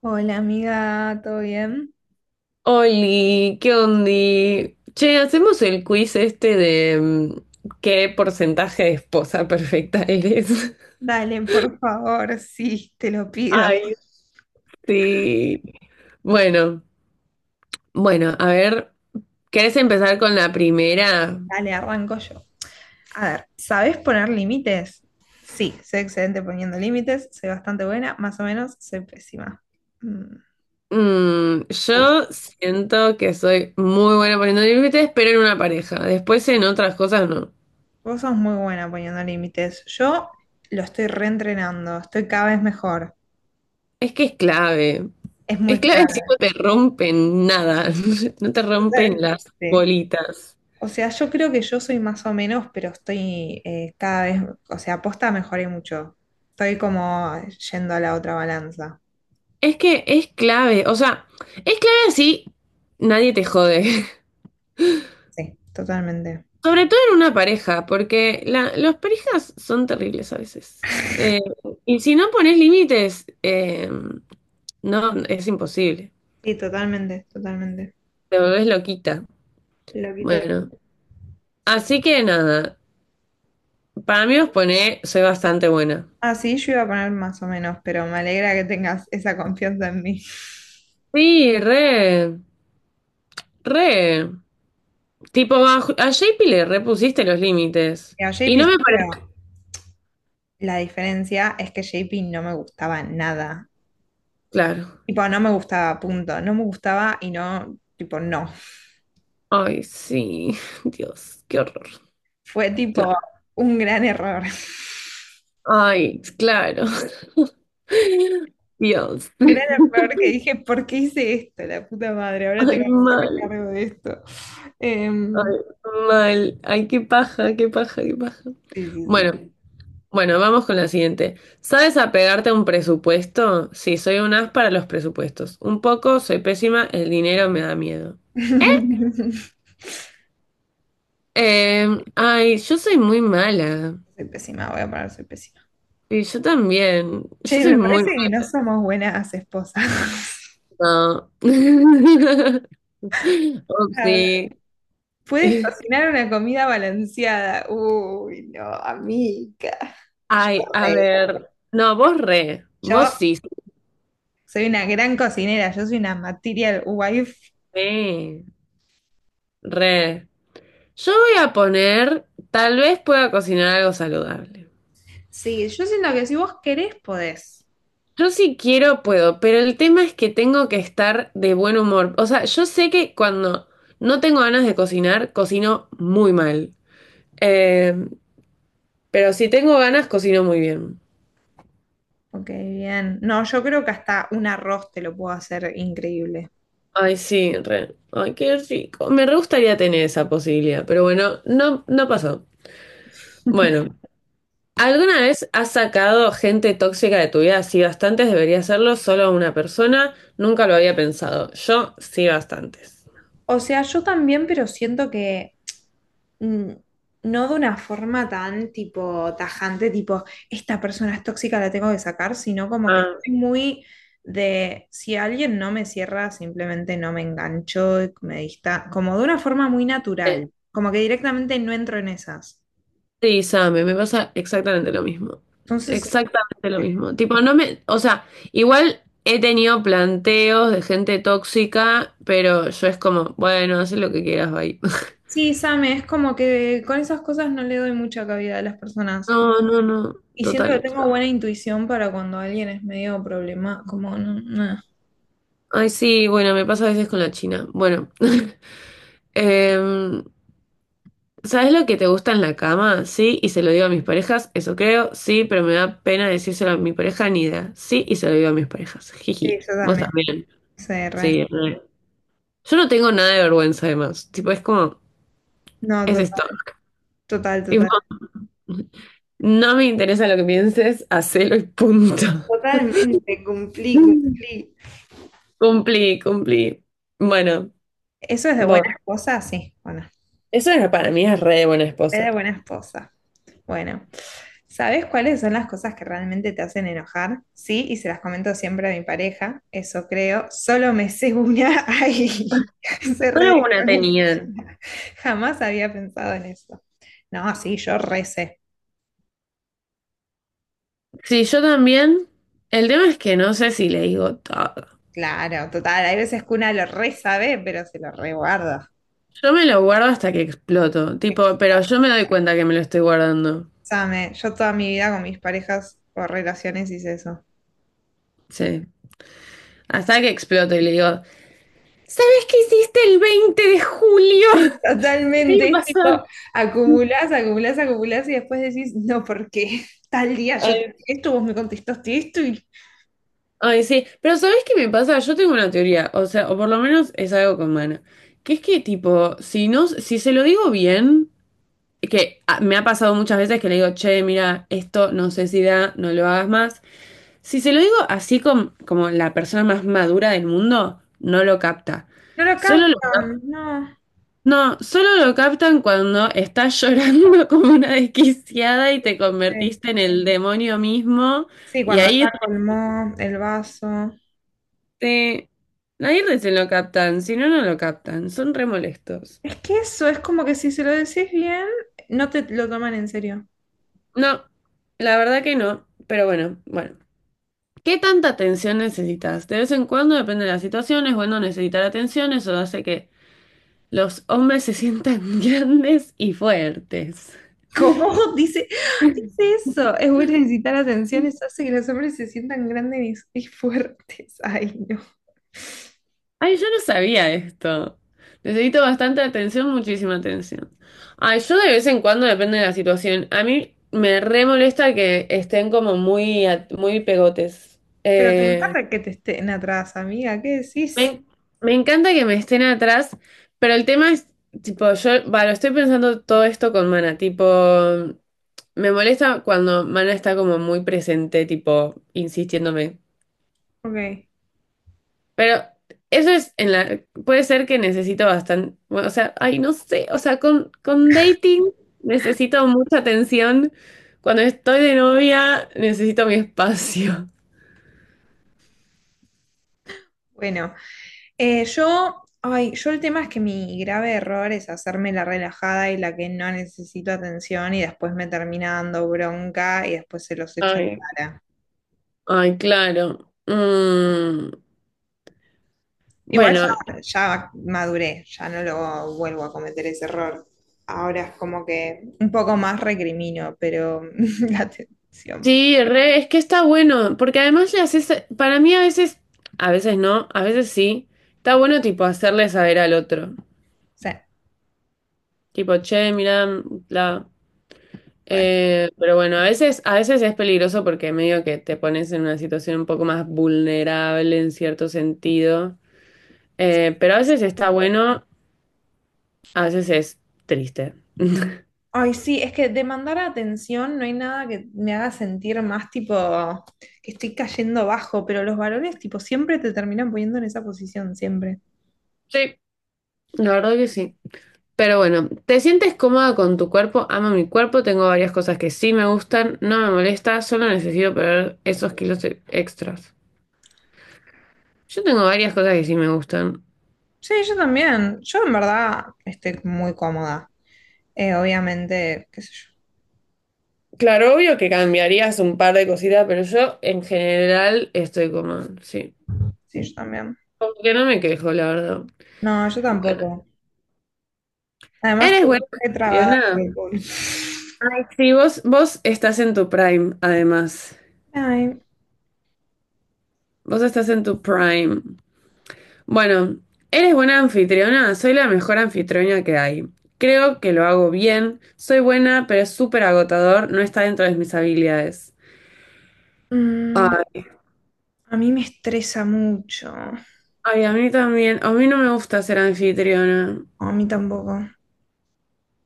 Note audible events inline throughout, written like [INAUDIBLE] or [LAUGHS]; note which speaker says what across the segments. Speaker 1: Hola amiga, ¿todo bien?
Speaker 2: Oli, ¿qué ondi? Che, hacemos el quiz este de qué porcentaje de esposa perfecta eres. [LAUGHS]
Speaker 1: Dale, por favor, sí, te lo pido.
Speaker 2: Ay, sí. Bueno, bueno, a ver, ¿querés empezar con la primera?
Speaker 1: Dale, arranco yo. A ver, ¿sabes poner límites? Sí, soy excelente poniendo límites, soy bastante buena, más o menos, soy pésima. Mm, uh,
Speaker 2: Yo siento que soy muy buena poniendo límites, pero en una pareja. Después en otras cosas no.
Speaker 1: vos sos muy buena poniendo límites. Yo lo estoy reentrenando, estoy cada vez mejor.
Speaker 2: Es que es clave.
Speaker 1: Es muy
Speaker 2: Es clave
Speaker 1: claro.
Speaker 2: [LAUGHS] si no te rompen nada, [LAUGHS] no te
Speaker 1: Sí,
Speaker 2: rompen las
Speaker 1: totalmente.
Speaker 2: bolitas.
Speaker 1: O sea, yo creo que yo soy más o menos, pero estoy cada vez, o sea, posta mejoré mucho. Estoy como yendo a la otra balanza.
Speaker 2: Es que es clave, o sea, es clave así, nadie te jode. [LAUGHS]
Speaker 1: Sí, totalmente.
Speaker 2: Sobre todo en una pareja, porque las parejas son terribles a veces. Y si no pones límites, no, es imposible.
Speaker 1: Sí, totalmente, totalmente.
Speaker 2: Te volvés loquita.
Speaker 1: Lo quité.
Speaker 2: Bueno, así que nada, para mí os pone, soy bastante buena.
Speaker 1: Ah, sí, yo iba a poner más o menos, pero me alegra que tengas esa confianza en mí.
Speaker 2: Sí, re, re. Tipo, a JP le repusiste los límites.
Speaker 1: A
Speaker 2: Y
Speaker 1: JP
Speaker 2: no me
Speaker 1: sí,
Speaker 2: parece
Speaker 1: pero la diferencia es que J P no me gustaba nada.
Speaker 2: claro.
Speaker 1: Tipo, no me gustaba, punto. No me gustaba y no, tipo, no.
Speaker 2: Ay, sí, [LAUGHS] Dios, qué horror.
Speaker 1: Fue tipo
Speaker 2: Claro.
Speaker 1: un gran error. [LAUGHS]
Speaker 2: Ay, claro. [LAUGHS] Dios.
Speaker 1: Un gran error que dije, ¿por qué hice esto? La puta madre, ahora tengo
Speaker 2: Ay,
Speaker 1: que hacerme
Speaker 2: mal.
Speaker 1: cargo de esto.
Speaker 2: Ay,
Speaker 1: Em,
Speaker 2: mal. Ay, qué paja, qué paja, qué paja.
Speaker 1: sí, sí, sí.
Speaker 2: Bueno, bueno, vamos con la siguiente. ¿Sabes apegarte a un presupuesto? Sí, soy un as para los presupuestos. Un poco, soy pésima, el dinero me da miedo.
Speaker 1: [LAUGHS]
Speaker 2: Eh, ay, yo soy muy mala.
Speaker 1: Soy pésima, voy a parar, soy pésima.
Speaker 2: Y yo también. Yo
Speaker 1: Che,
Speaker 2: soy
Speaker 1: me
Speaker 2: muy
Speaker 1: parece que no somos buenas esposas. [LAUGHS]
Speaker 2: mala. [LAUGHS]
Speaker 1: A ver,
Speaker 2: Upsi.
Speaker 1: ¿puedes
Speaker 2: [LAUGHS]
Speaker 1: cocinar una comida balanceada? Uy, no, amiga. Yo,
Speaker 2: Ay, a
Speaker 1: re-
Speaker 2: ver. No, vos re. Vos
Speaker 1: yo
Speaker 2: sí, sí,
Speaker 1: soy una gran cocinera, yo soy una material wife.
Speaker 2: re. Yo voy a poner, tal vez pueda cocinar algo saludable.
Speaker 1: Sí, yo siento que si vos querés, podés.
Speaker 2: Yo si quiero puedo, pero el tema es que tengo que estar de buen humor. O sea, yo sé que cuando no tengo ganas de cocinar, cocino muy mal. Eh, pero si tengo ganas, cocino muy bien.
Speaker 1: Ok, bien. No, yo creo que hasta un arroz te lo puedo hacer increíble.
Speaker 2: Ay, sí, re. Ay, qué rico. Me re gustaría tener esa posibilidad, pero bueno, no, no pasó. Bueno.
Speaker 1: [LAUGHS]
Speaker 2: ¿Alguna vez has sacado gente tóxica de tu vida? Sí, bastantes, debería hacerlo solo una persona. Nunca lo había pensado. Yo sí, bastantes.
Speaker 1: O sea, yo también, pero siento que mm, no de una forma tan tipo tajante, tipo, esta persona es tóxica, la tengo que sacar, sino como que
Speaker 2: Ah,
Speaker 1: estoy muy de, si alguien no me cierra, simplemente no me engancho, y me dista, como de una forma muy
Speaker 2: sí.
Speaker 1: natural, como que directamente no entro en esas.
Speaker 2: Sí, Same, me pasa exactamente lo mismo.
Speaker 1: Entonces,
Speaker 2: Exactamente lo mismo. Tipo, no me, o sea, igual he tenido planteos de gente tóxica, pero yo es como, bueno, haz lo que quieras, bye. [LAUGHS]
Speaker 1: sí, Same, es como que con esas cosas no le doy mucha cabida a las personas.
Speaker 2: No, no, no,
Speaker 1: Y siento que
Speaker 2: total.
Speaker 1: tengo buena intuición para cuando alguien es medio problema, como no, no.
Speaker 2: Ay, sí, bueno, me pasa a veces con la China. Bueno, [LAUGHS] Em, ¿sabes lo que te gusta en la cama? Sí, y se lo digo a mis parejas, eso creo, sí, pero me da pena decírselo a mi pareja ni idea. Sí, y se lo digo a mis parejas.
Speaker 1: Sí,
Speaker 2: Jiji.
Speaker 1: yo
Speaker 2: Vos
Speaker 1: también,
Speaker 2: también.
Speaker 1: CR.
Speaker 2: Sí, re. Yo no tengo nada de vergüenza además. Tipo, es como,
Speaker 1: No,
Speaker 2: es
Speaker 1: total,
Speaker 2: esto.
Speaker 1: total,
Speaker 2: Tipo,
Speaker 1: total.
Speaker 2: no me interesa lo que pienses, hacelo y punto.
Speaker 1: Totalmente, cumplí, cumplí.
Speaker 2: [LAUGHS] Cumplí, cumplí. Bueno,
Speaker 1: Eso es de
Speaker 2: vos.
Speaker 1: buena esposa, sí, bueno,
Speaker 2: Eso era para mí es re buena
Speaker 1: es de
Speaker 2: esposa.
Speaker 1: buena esposa. Bueno, ¿sabes cuáles son las cosas que realmente te hacen enojar? Sí, y se las comento siempre a mi pareja, eso creo. Solo me sé una, [LAUGHS] ay, se re
Speaker 2: Solo una tenían.
Speaker 1: desconocida. Jamás había pensado en eso. No, sí, yo recé.
Speaker 2: Sí, yo también. El tema es que no sé si le digo todo.
Speaker 1: Claro, total. Hay veces que una lo re sabe, pero se lo reguarda.
Speaker 2: Yo me lo guardo hasta que exploto, tipo, pero yo me doy cuenta que me lo estoy guardando.
Speaker 1: Sabe, yo toda mi vida con mis parejas o relaciones hice eso.
Speaker 2: Sí. Hasta que exploto y le digo, ¿sabes qué hiciste el 20 de julio del año
Speaker 1: Totalmente, es tipo,
Speaker 2: pasado?
Speaker 1: acumulás, acumulás, acumulás y después decís, no, porque [LAUGHS] tal día yo te
Speaker 2: Ay,
Speaker 1: dije esto, vos me contestaste esto y
Speaker 2: ay, sí, pero ¿sabes qué me pasa? Yo tengo una teoría, o sea, o por lo menos es algo con Mana, que es que tipo, si no, si se lo digo bien, que ah, me ha pasado muchas veces que le digo, che, mira, esto no sé si da, no lo hagas más. Si se lo digo así como la persona más madura del mundo, no lo capta.
Speaker 1: no lo
Speaker 2: Solo lo,
Speaker 1: captan, no.
Speaker 2: no, solo lo captan cuando estás llorando [LAUGHS] como una desquiciada y te convertiste en el demonio mismo.
Speaker 1: Sí,
Speaker 2: Y
Speaker 1: cuando
Speaker 2: ahí
Speaker 1: ya colmó el vaso.
Speaker 2: rete- ahí recién lo captan, si no, no lo captan. Son re molestos.
Speaker 1: Es que eso, es como que si se lo decís bien, no te lo toman en serio.
Speaker 2: No, la verdad que no. Pero bueno, bueno. ¿Qué tanta atención necesitas? De vez en cuando, depende de las situaciones, bueno, necesitar atención, eso hace que los hombres se sientan [LAUGHS] grandes y fuertes.
Speaker 1: ¿Cómo [LAUGHS] dice eso? Es bueno necesitar atención, eso hace que los hombres se sientan grandes y fuertes. [LAUGHS] Ay, no.
Speaker 2: Ay, yo no sabía esto. Necesito bastante atención, muchísima atención. Ay, yo de vez en cuando depende de la situación. A mí me re molesta que estén como muy, muy pegotes.
Speaker 1: Pero te encanta que te estén atrás, amiga, ¿qué decís?
Speaker 2: Me, me encanta que me estén atrás, pero el tema es, tipo, yo, bueno, estoy pensando todo esto con Mana, tipo, me molesta cuando Mana está como muy presente, tipo, insistiéndome.
Speaker 1: Ok,
Speaker 2: Pero eso es en la, puede ser que necesito bastante, o sea, ay, no sé, o sea, con dating necesito mucha atención. Cuando estoy de novia necesito mi espacio.
Speaker 1: bueno. Yo, ay, yo el tema es que mi grave error es hacerme la relajada y la que no necesito atención y después me termina dando bronca y después se los echo en
Speaker 2: Ay,
Speaker 1: cara.
Speaker 2: ay, claro.
Speaker 1: Igual
Speaker 2: Bueno,
Speaker 1: ya, ya maduré, ya no lo vuelvo a cometer ese error. Ahora es como que un poco más recrimino, pero [LAUGHS] la atención.
Speaker 2: sí, re, es que está bueno, porque además le haces, para mí a veces no, a veces sí, está bueno tipo hacerle saber al otro.
Speaker 1: Sí,
Speaker 2: Tipo, che, mira,
Speaker 1: re.
Speaker 2: Pero bueno, a veces es peligroso porque medio que te pones en una situación un poco más vulnerable en cierto sentido. Pero a veces está bueno, a veces es triste. [LAUGHS]
Speaker 1: Ay, sí, es que demandar atención no hay nada que me haga sentir más tipo que estoy cayendo bajo, pero los varones tipo siempre te terminan poniendo en esa posición, siempre.
Speaker 2: Sí, la verdad que sí. Pero bueno, ¿te sientes cómoda con tu cuerpo? Amo mi cuerpo, tengo varias cosas que sí me gustan, no me molesta, solo necesito perder esos kilos extras. Yo tengo varias cosas que sí me gustan.
Speaker 1: Sí, yo también. Yo en verdad estoy muy cómoda. Obviamente, qué sé yo.
Speaker 2: Claro, obvio que cambiarías un par de cositas, pero yo en general estoy como, sí.
Speaker 1: Sí, yo también.
Speaker 2: Porque no me quejo, la verdad.
Speaker 1: No, yo tampoco. Además,
Speaker 2: Eres
Speaker 1: tú
Speaker 2: buena
Speaker 1: re trabada con
Speaker 2: nada.
Speaker 1: alcohol.
Speaker 2: Ay, sí, vos, vos estás en tu prime, además.
Speaker 1: Ay,
Speaker 2: Vos estás en tu prime. Bueno, eres buena anfitriona. Soy la mejor anfitriona que hay. Creo que lo hago bien. Soy buena, pero es súper agotador. No está dentro de mis habilidades.
Speaker 1: mm,
Speaker 2: Ay,
Speaker 1: a mí me estresa mucho. No,
Speaker 2: ay, a mí también. A mí no me gusta ser anfitriona.
Speaker 1: a mí tampoco.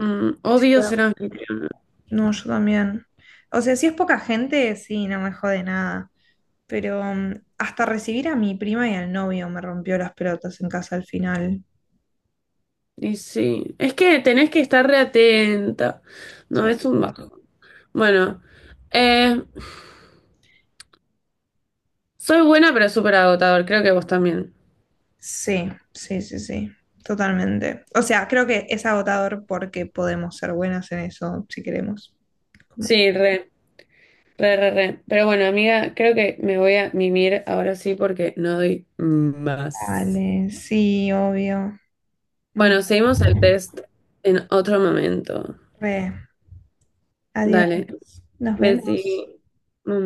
Speaker 2: Mm,
Speaker 1: Sí,
Speaker 2: odio ser
Speaker 1: bueno,
Speaker 2: anfitriona.
Speaker 1: no, yo también. O sea, si es poca gente, sí, no me jode nada. Pero mm, hasta recibir a mi prima y al novio me rompió las pelotas en casa al final.
Speaker 2: Y sí. Es que tenés que estar re atenta.
Speaker 1: Sí,
Speaker 2: No, es un bajo. Bueno, eh, soy buena pero súper agotador, creo que vos también.
Speaker 1: sí, sí, sí, sí, totalmente. O sea, creo que es agotador porque podemos ser buenas en eso si queremos. Como,
Speaker 2: Sí, re, re, re, re. Pero bueno, amiga, creo que me voy a mimir ahora sí porque no doy más.
Speaker 1: dale, sí, obvio. Muy
Speaker 2: Bueno, seguimos el test en otro momento.
Speaker 1: tarde. Adiós.
Speaker 2: Dale,
Speaker 1: Nos
Speaker 2: besí.
Speaker 1: vemos.